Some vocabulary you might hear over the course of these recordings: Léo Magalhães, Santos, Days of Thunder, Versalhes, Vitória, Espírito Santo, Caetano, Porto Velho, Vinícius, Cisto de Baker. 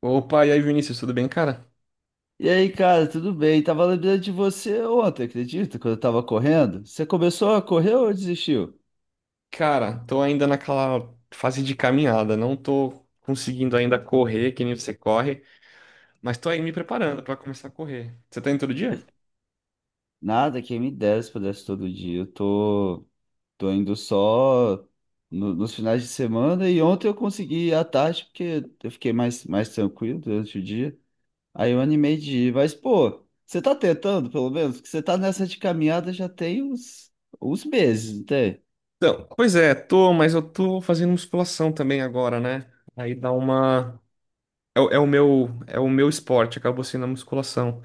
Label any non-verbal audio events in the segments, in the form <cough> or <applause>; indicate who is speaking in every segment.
Speaker 1: Opa, e aí, Vinícius, tudo bem, cara?
Speaker 2: E aí, cara, tudo bem? Tava lembrando de você ontem, acredita? Quando eu tava correndo. Você começou a correr ou desistiu?
Speaker 1: Cara, tô ainda naquela fase de caminhada, não tô conseguindo ainda correr que nem você corre, mas tô aí me preparando pra começar a correr. Você tá indo todo dia?
Speaker 2: Nada, quem me dera se pudesse todo dia. Eu tô indo só nos finais de semana e ontem eu consegui ir à tarde porque eu fiquei mais tranquilo durante o dia. Aí eu animei de ir. Mas, pô, você tá tentando, pelo menos? Porque você tá nessa de caminhada já tem uns meses, não tem?
Speaker 1: Então, pois é, tô, mas eu tô fazendo musculação também agora, né? Aí dá uma é o meu esporte, acabou sendo a musculação.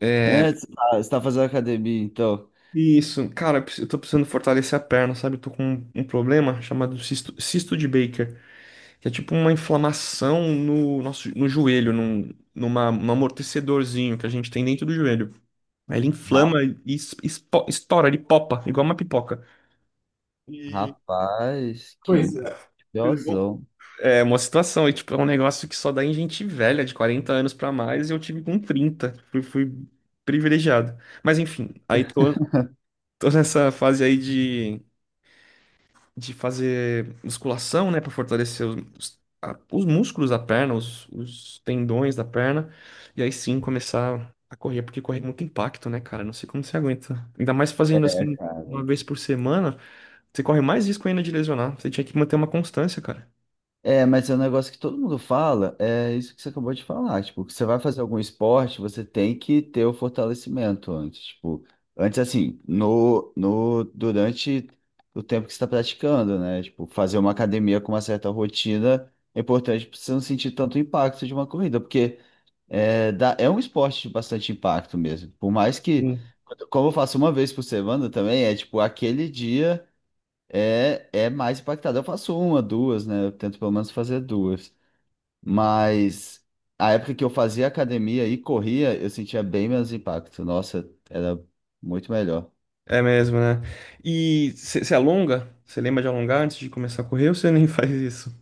Speaker 1: É,
Speaker 2: É, você tá fazendo academia, então.
Speaker 1: isso, cara, eu tô precisando fortalecer a perna, sabe? Eu tô com um problema chamado cisto, cisto de Baker, que é tipo uma inflamação no joelho, num amortecedorzinho que a gente tem dentro do joelho. Aí ele
Speaker 2: Ra-
Speaker 1: inflama e estoura, ele popa, igual uma pipoca. E
Speaker 2: Rapaz,
Speaker 1: pois
Speaker 2: que
Speaker 1: é. Pois é, bom.
Speaker 2: Gozão.
Speaker 1: É uma situação, e, tipo, é um negócio que só dá em gente velha, de 40 anos pra mais, e eu tive com 30. Fui privilegiado. Mas enfim, tô nessa fase aí de fazer musculação, né, para fortalecer os músculos da perna, os tendões da perna, e aí sim começar a correr, porque correr é muito impacto, né, cara? Não sei como você aguenta. Ainda mais fazendo
Speaker 2: É,
Speaker 1: assim
Speaker 2: cara.
Speaker 1: uma vez por semana, você corre mais risco ainda de lesionar. Você tinha que manter uma constância, cara.
Speaker 2: É, mas é um negócio que todo mundo fala, é isso que você acabou de falar. Tipo, que você vai fazer algum esporte, você tem que ter o fortalecimento antes. Tipo, antes assim, no, no, durante o tempo que você está praticando, né? Tipo, fazer uma academia com uma certa rotina é importante para você não sentir tanto impacto de uma corrida, porque é um esporte de bastante impacto mesmo. Por mais que,
Speaker 1: Sim.
Speaker 2: como eu faço uma vez por semana também, é tipo aquele dia. É mais impactado. Eu faço uma, duas, né? Eu tento pelo menos fazer duas. Mas a época que eu fazia academia e corria, eu sentia bem menos impacto. Nossa, era muito melhor.
Speaker 1: É mesmo, né? E você alonga? Você lembra de alongar antes de começar a correr ou você <laughs> nem faz isso?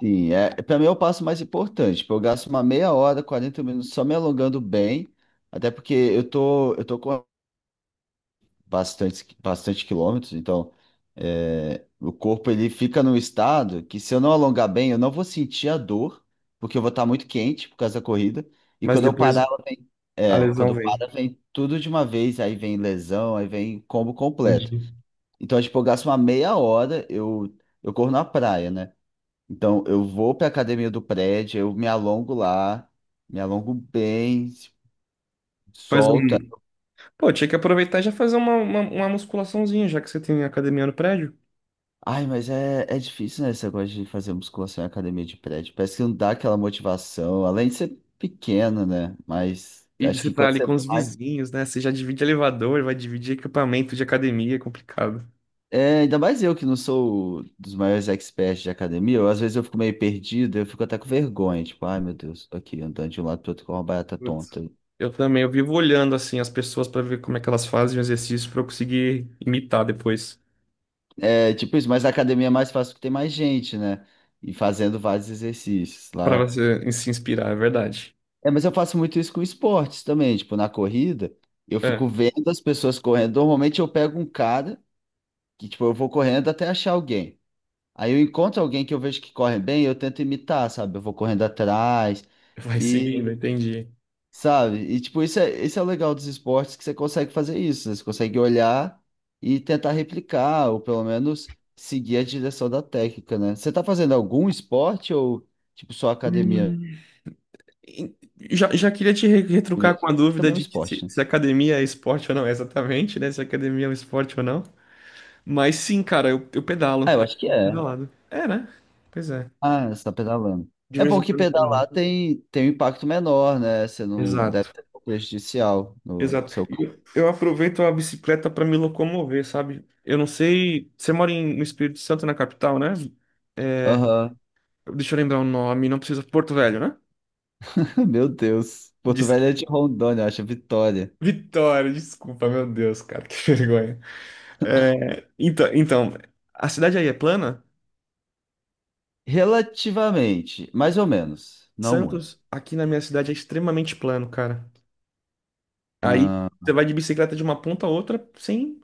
Speaker 2: Sim, para mim é o passo mais importante. Tipo, eu gasto uma meia hora, 40 minutos só me alongando bem, até porque eu tô com bastante, bastante quilômetros, então o corpo ele fica num estado que se eu não alongar bem, eu não vou sentir a dor, porque eu vou estar muito quente por causa da corrida, e
Speaker 1: Mas
Speaker 2: quando eu
Speaker 1: depois
Speaker 2: parar, ela vem,
Speaker 1: a
Speaker 2: quando
Speaker 1: lesão
Speaker 2: eu
Speaker 1: vem.
Speaker 2: paro, vem tudo de uma vez, aí vem lesão, aí vem combo completo.
Speaker 1: Entendi.
Speaker 2: Então, tipo, eu gasto uma meia hora, eu corro na praia, né? Então, eu vou para academia do prédio, eu me alongo lá, me alongo bem,
Speaker 1: Faz
Speaker 2: solto.
Speaker 1: um. Pô, tinha que aproveitar e já fazer uma musculaçãozinha, já que você tem academia no prédio.
Speaker 2: Ai, mas é difícil, né? Esse negócio de fazer musculação em academia de prédio. Parece que não dá aquela motivação, além de ser pequeno, né? Mas
Speaker 1: E
Speaker 2: acho
Speaker 1: você
Speaker 2: que
Speaker 1: tá
Speaker 2: quando
Speaker 1: ali
Speaker 2: você
Speaker 1: com os
Speaker 2: vai.
Speaker 1: vizinhos, né? Você já divide elevador, vai dividir equipamento de academia, é complicado.
Speaker 2: É, ainda mais eu que não sou dos maiores experts de academia, às vezes eu fico meio perdido, eu fico até com vergonha, tipo, ai meu Deus, tô aqui andando de um lado pro outro com uma barata
Speaker 1: Putz.
Speaker 2: tonta.
Speaker 1: Eu também, eu vivo olhando assim as pessoas pra ver como é que elas fazem o exercício pra eu conseguir imitar depois.
Speaker 2: É, tipo isso, mas na academia é mais fácil porque tem mais gente, né? E fazendo vários exercícios.
Speaker 1: Pra
Speaker 2: Lá.
Speaker 1: você se inspirar, é verdade.
Speaker 2: É, mas eu faço muito isso com esportes também, tipo, na corrida, eu fico
Speaker 1: É,
Speaker 2: vendo as pessoas correndo. Normalmente eu pego um cara que, tipo, eu vou correndo até achar alguém. Aí eu encontro alguém que eu vejo que corre bem, eu tento imitar, sabe? Eu vou correndo atrás
Speaker 1: <laughs> vai seguindo,
Speaker 2: e,
Speaker 1: entendi.
Speaker 2: sabe? E, tipo, isso é o legal dos esportes, que você consegue fazer isso, né? Você consegue olhar e tentar replicar, ou pelo menos seguir a direção da técnica, né? Você tá fazendo algum esporte ou, tipo, só academia
Speaker 1: Hum. E- já, já queria te retrucar com
Speaker 2: mesmo?
Speaker 1: a
Speaker 2: Que
Speaker 1: dúvida
Speaker 2: também é um
Speaker 1: de que se,
Speaker 2: esporte, né?
Speaker 1: se academia é esporte ou não, é exatamente, né? Se academia é um esporte ou não. Mas sim, cara, eu pedalo.
Speaker 2: Ah, eu acho que é.
Speaker 1: Pedalado. É, né? Pois é.
Speaker 2: Ah, você está pedalando.
Speaker 1: De
Speaker 2: É
Speaker 1: vez
Speaker 2: bom
Speaker 1: em
Speaker 2: que
Speaker 1: quando eu pedalo.
Speaker 2: pedalar tem um impacto menor, né? Você não deve
Speaker 1: Exato.
Speaker 2: ser prejudicial no
Speaker 1: Exato.
Speaker 2: seu
Speaker 1: E
Speaker 2: carro.
Speaker 1: eu aproveito a bicicleta para me locomover, sabe? Eu não sei. Você mora em, no Espírito Santo, na capital, né? É,
Speaker 2: Aham.
Speaker 1: deixa eu lembrar o nome, não precisa. Porto Velho, né?
Speaker 2: <laughs> Meu Deus. Porto
Speaker 1: Des-
Speaker 2: Velho é de Rondônia, eu acho, Vitória.
Speaker 1: Vitória, desculpa, meu Deus, cara, <laughs> que vergonha. É, então, a cidade aí é plana?
Speaker 2: Relativamente, mais ou menos, não muito.
Speaker 1: Santos, aqui na minha cidade, é extremamente plano, cara. Aí
Speaker 2: Ah,
Speaker 1: você vai de bicicleta de uma ponta a outra sem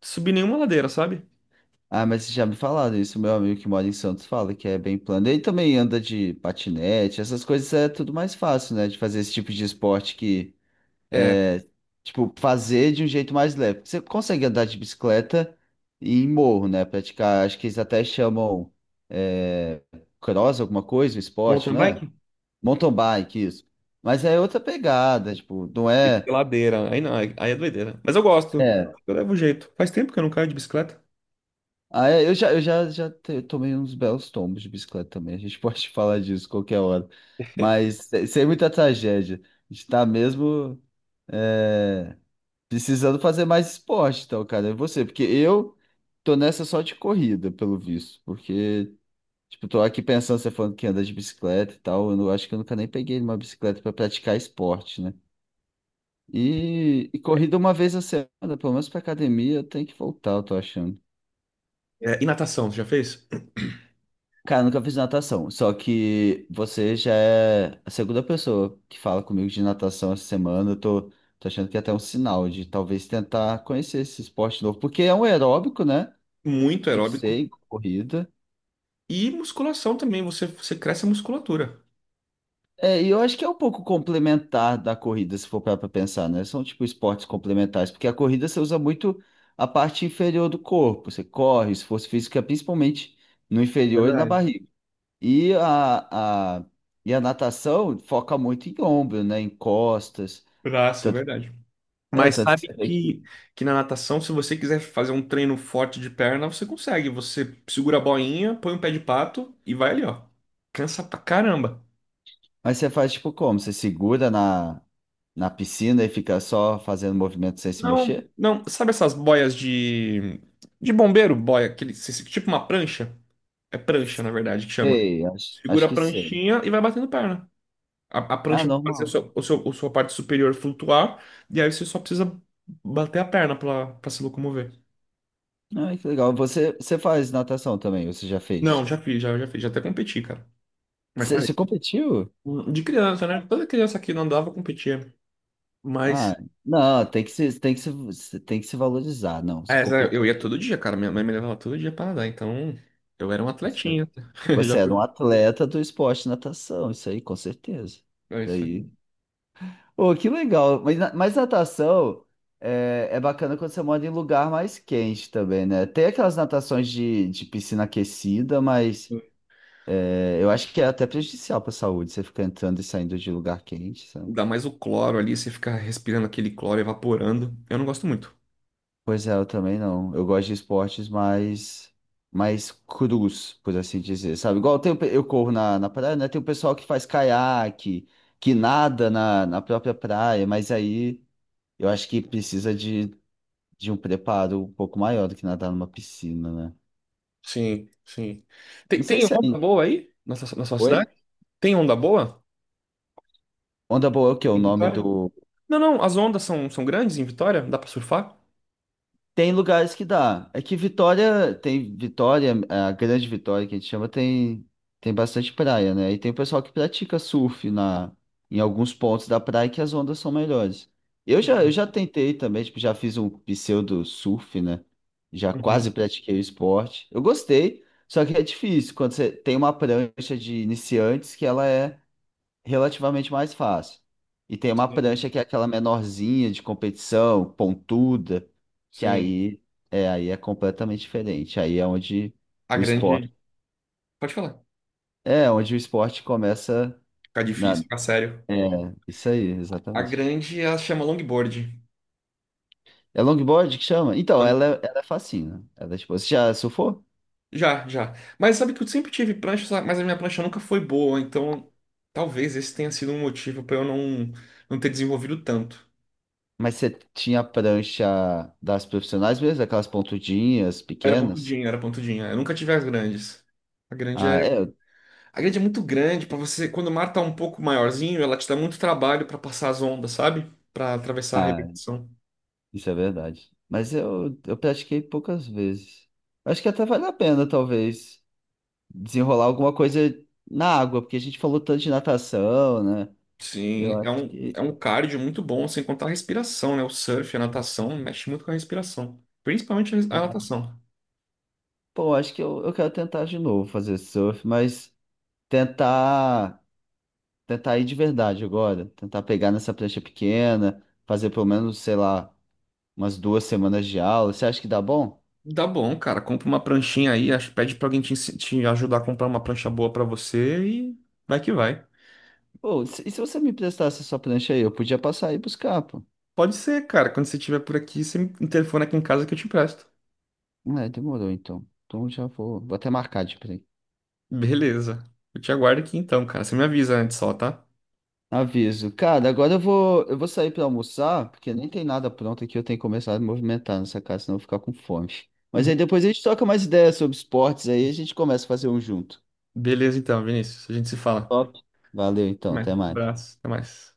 Speaker 1: subir nenhuma ladeira, sabe?
Speaker 2: ah, mas vocês já me falaram isso, meu amigo que mora em Santos fala que é bem plano. Ele também anda de patinete, essas coisas é tudo mais fácil, né? De fazer esse tipo de esporte que
Speaker 1: É,
Speaker 2: é, tipo, fazer de um jeito mais leve. Você consegue andar de bicicleta e em morro, né? Praticar, acho que eles até chamam é, cross, alguma coisa, um esporte,
Speaker 1: mountain
Speaker 2: né?
Speaker 1: bike?
Speaker 2: Mountain bike, isso. Mas é outra pegada, tipo, não
Speaker 1: Tem
Speaker 2: é.
Speaker 1: ladeira. Aí não, aí é doideira. Mas eu gosto.
Speaker 2: É.
Speaker 1: Eu levo jeito. Faz tempo que eu não caio de bicicleta.
Speaker 2: Ah, é, eu já tomei uns belos tombos de bicicleta também. A gente <laughs> pode falar disso qualquer hora.
Speaker 1: <laughs>
Speaker 2: Mas sem muita tragédia. A gente tá mesmo, é, precisando fazer mais esporte, então, cara, é você, porque eu tô nessa só de corrida, pelo visto, porque, tipo, tô aqui pensando, você falando que anda de bicicleta e tal, eu não, acho que eu nunca nem peguei uma bicicleta pra praticar esporte, né? E corrida uma vez a semana, pelo menos pra academia, eu tenho que voltar, eu tô achando.
Speaker 1: É, e natação, você já fez?
Speaker 2: Cara, eu nunca fiz natação, só que você já é a segunda pessoa que fala comigo de natação essa semana, eu tô achando que é até um sinal de talvez tentar conhecer esse esporte novo, porque é um aeróbico, né?
Speaker 1: Muito aeróbico.
Speaker 2: Sei, corrida.
Speaker 1: E musculação também, você cresce a musculatura.
Speaker 2: É, e eu acho que é um pouco complementar da corrida, se for parar pra pensar, né? São tipo esportes complementares, porque a corrida você usa muito a parte inferior do corpo, você corre, esforço físico é principalmente no inferior e na
Speaker 1: Verdade.
Speaker 2: barriga. E a, a, e a natação foca muito em ombro, né? Em costas.
Speaker 1: Braço,
Speaker 2: Tanto,
Speaker 1: verdade. Mas
Speaker 2: tanto que
Speaker 1: sabe
Speaker 2: você vê que.
Speaker 1: que na natação, se você quiser fazer um treino forte de perna, você consegue. Você segura a boinha, põe um pé de pato e vai ali, ó. Cansa pra caramba.
Speaker 2: Mas você faz tipo como? Você segura na piscina e fica só fazendo movimento sem se
Speaker 1: Não,
Speaker 2: mexer?
Speaker 1: não, sabe essas boias de bombeiro, boia, aquele tipo uma prancha? É prancha, na verdade, que chama.
Speaker 2: Sei, acho,
Speaker 1: Segura
Speaker 2: acho
Speaker 1: a
Speaker 2: que sei.
Speaker 1: pranchinha e vai batendo perna. A
Speaker 2: Ah,
Speaker 1: prancha vai fazer
Speaker 2: normal.
Speaker 1: a sua parte superior flutuar, e aí você só precisa bater a perna pra, pra se locomover.
Speaker 2: Ai, que legal. Você faz natação também, você já
Speaker 1: Não,
Speaker 2: fez?
Speaker 1: já fiz, já fiz, já até competi, cara. Mas
Speaker 2: Você,
Speaker 1: parei.
Speaker 2: você competiu?
Speaker 1: De criança, né? Toda criança que não andava competia.
Speaker 2: Ah,
Speaker 1: Mas.
Speaker 2: não, tem que se, você tem que se valorizar. Não, você
Speaker 1: É, sério, eu ia
Speaker 2: competiu.
Speaker 1: todo dia, cara. Minha mãe me levava todo dia pra nadar, então eu era um
Speaker 2: Você,
Speaker 1: atletinha. <laughs>
Speaker 2: você
Speaker 1: Já
Speaker 2: era um
Speaker 1: fui.
Speaker 2: atleta do esporte de natação, isso aí, com certeza.
Speaker 1: É
Speaker 2: Isso
Speaker 1: isso
Speaker 2: aí.
Speaker 1: aí.
Speaker 2: Pô, que legal. Mas, mas natação é bacana quando você mora em lugar mais quente também, né? Tem aquelas natações de piscina aquecida, mas eu acho que é até prejudicial para a saúde, você ficar entrando e saindo de lugar quente.
Speaker 1: Dá mais o cloro ali, você fica respirando aquele cloro evaporando. Eu não gosto muito.
Speaker 2: Pois é, eu também não. Eu gosto de esportes mais, crus, por assim dizer, sabe? Igual tem, eu corro na praia, né? Tem o pessoal que faz caiaque, que nada na própria praia, mas aí eu acho que precisa de um preparo um pouco maior do que nadar numa piscina, né?
Speaker 1: Sim, sim.
Speaker 2: Não
Speaker 1: Tem,
Speaker 2: sei
Speaker 1: tem
Speaker 2: se é.
Speaker 1: onda boa aí? Na sua
Speaker 2: Oi?
Speaker 1: cidade? Tem onda boa?
Speaker 2: Onda boa é o quê? O
Speaker 1: Em
Speaker 2: nome
Speaker 1: Vitória?
Speaker 2: do.
Speaker 1: Não, não, as ondas são, são grandes em Vitória, dá pra surfar?
Speaker 2: Tem lugares que dá. É que Vitória tem Vitória, a Grande Vitória que a gente chama, tem bastante praia, né? E tem o pessoal que pratica surf em alguns pontos da praia que as ondas são melhores. Eu já tentei também, tipo, já fiz um pseudo surf, né? Já quase
Speaker 1: Uhum.
Speaker 2: pratiquei o esporte. Eu gostei, só que é difícil quando você tem uma prancha de iniciantes que ela é relativamente mais fácil. E tem uma
Speaker 1: Sim.
Speaker 2: prancha que é aquela menorzinha de competição, pontuda, que
Speaker 1: Sim.
Speaker 2: aí é completamente diferente. Aí é onde
Speaker 1: A
Speaker 2: o esporte,
Speaker 1: grande. Pode falar.
Speaker 2: o esporte começa
Speaker 1: Fica difícil,
Speaker 2: na,
Speaker 1: fica sério.
Speaker 2: é, isso aí,
Speaker 1: A
Speaker 2: exatamente.
Speaker 1: grande ela chama longboard.
Speaker 2: É longboard que chama? Então,
Speaker 1: Long-
Speaker 2: ela é fascina. Ela é tipo, você já surfou?
Speaker 1: já, já. Mas sabe que eu sempre tive prancha, sabe? Mas a minha prancha nunca foi boa, então talvez esse tenha sido um motivo pra eu não, não ter desenvolvido tanto.
Speaker 2: Mas você tinha a prancha das profissionais mesmo, aquelas pontudinhas
Speaker 1: Era
Speaker 2: pequenas?
Speaker 1: pontudinha, era pontudinha. Eu nunca tive as grandes. A grande é,
Speaker 2: Ah, é.
Speaker 1: a grande é muito grande para você. Quando o mar tá um pouco maiorzinho, ela te dá muito trabalho para passar as ondas, sabe? Para atravessar a
Speaker 2: Ah,
Speaker 1: arrebentação.
Speaker 2: isso é verdade. Mas eu pratiquei poucas vezes. Acho que até vale a pena, talvez, desenrolar alguma coisa na água, porque a gente falou tanto de natação, né? Eu
Speaker 1: Sim,
Speaker 2: acho
Speaker 1: é um
Speaker 2: que.
Speaker 1: cardio muito bom, sem contar a respiração, né? O surf, a natação, mexe muito com a respiração. Principalmente a res- a
Speaker 2: É.
Speaker 1: natação.
Speaker 2: Pô, acho que eu quero tentar de novo fazer surf, mas tentar, tentar, ir de verdade agora. Tentar pegar nessa prancha pequena, fazer pelo menos, sei lá, umas 2 semanas de aula. Você acha que dá bom?
Speaker 1: Dá bom, cara. Compra uma pranchinha aí, acho- pede pra alguém te, ensi- te ajudar a comprar uma prancha boa pra você e vai que vai.
Speaker 2: Pô, e se você me prestasse a sua prancha aí, eu podia passar e buscar, pô.
Speaker 1: Pode ser, cara. Quando você estiver por aqui, você me telefona aqui em casa que eu te empresto.
Speaker 2: É, demorou então. Então já vou até marcar de print.
Speaker 1: Beleza. Eu te aguardo aqui então, cara. Você me avisa antes só, tá?
Speaker 2: Aviso. Cara, agora eu vou sair pra almoçar, porque nem tem nada pronto aqui, eu tenho que começar a movimentar nessa casa, senão eu vou ficar com fome. Mas aí
Speaker 1: <laughs>
Speaker 2: depois a gente troca mais ideias sobre esportes aí, a gente começa a fazer um junto.
Speaker 1: Beleza então, Vinícius. A gente se fala.
Speaker 2: Top. Valeu
Speaker 1: Até
Speaker 2: então,
Speaker 1: mais.
Speaker 2: até
Speaker 1: Um
Speaker 2: mais.
Speaker 1: abraço. Até mais.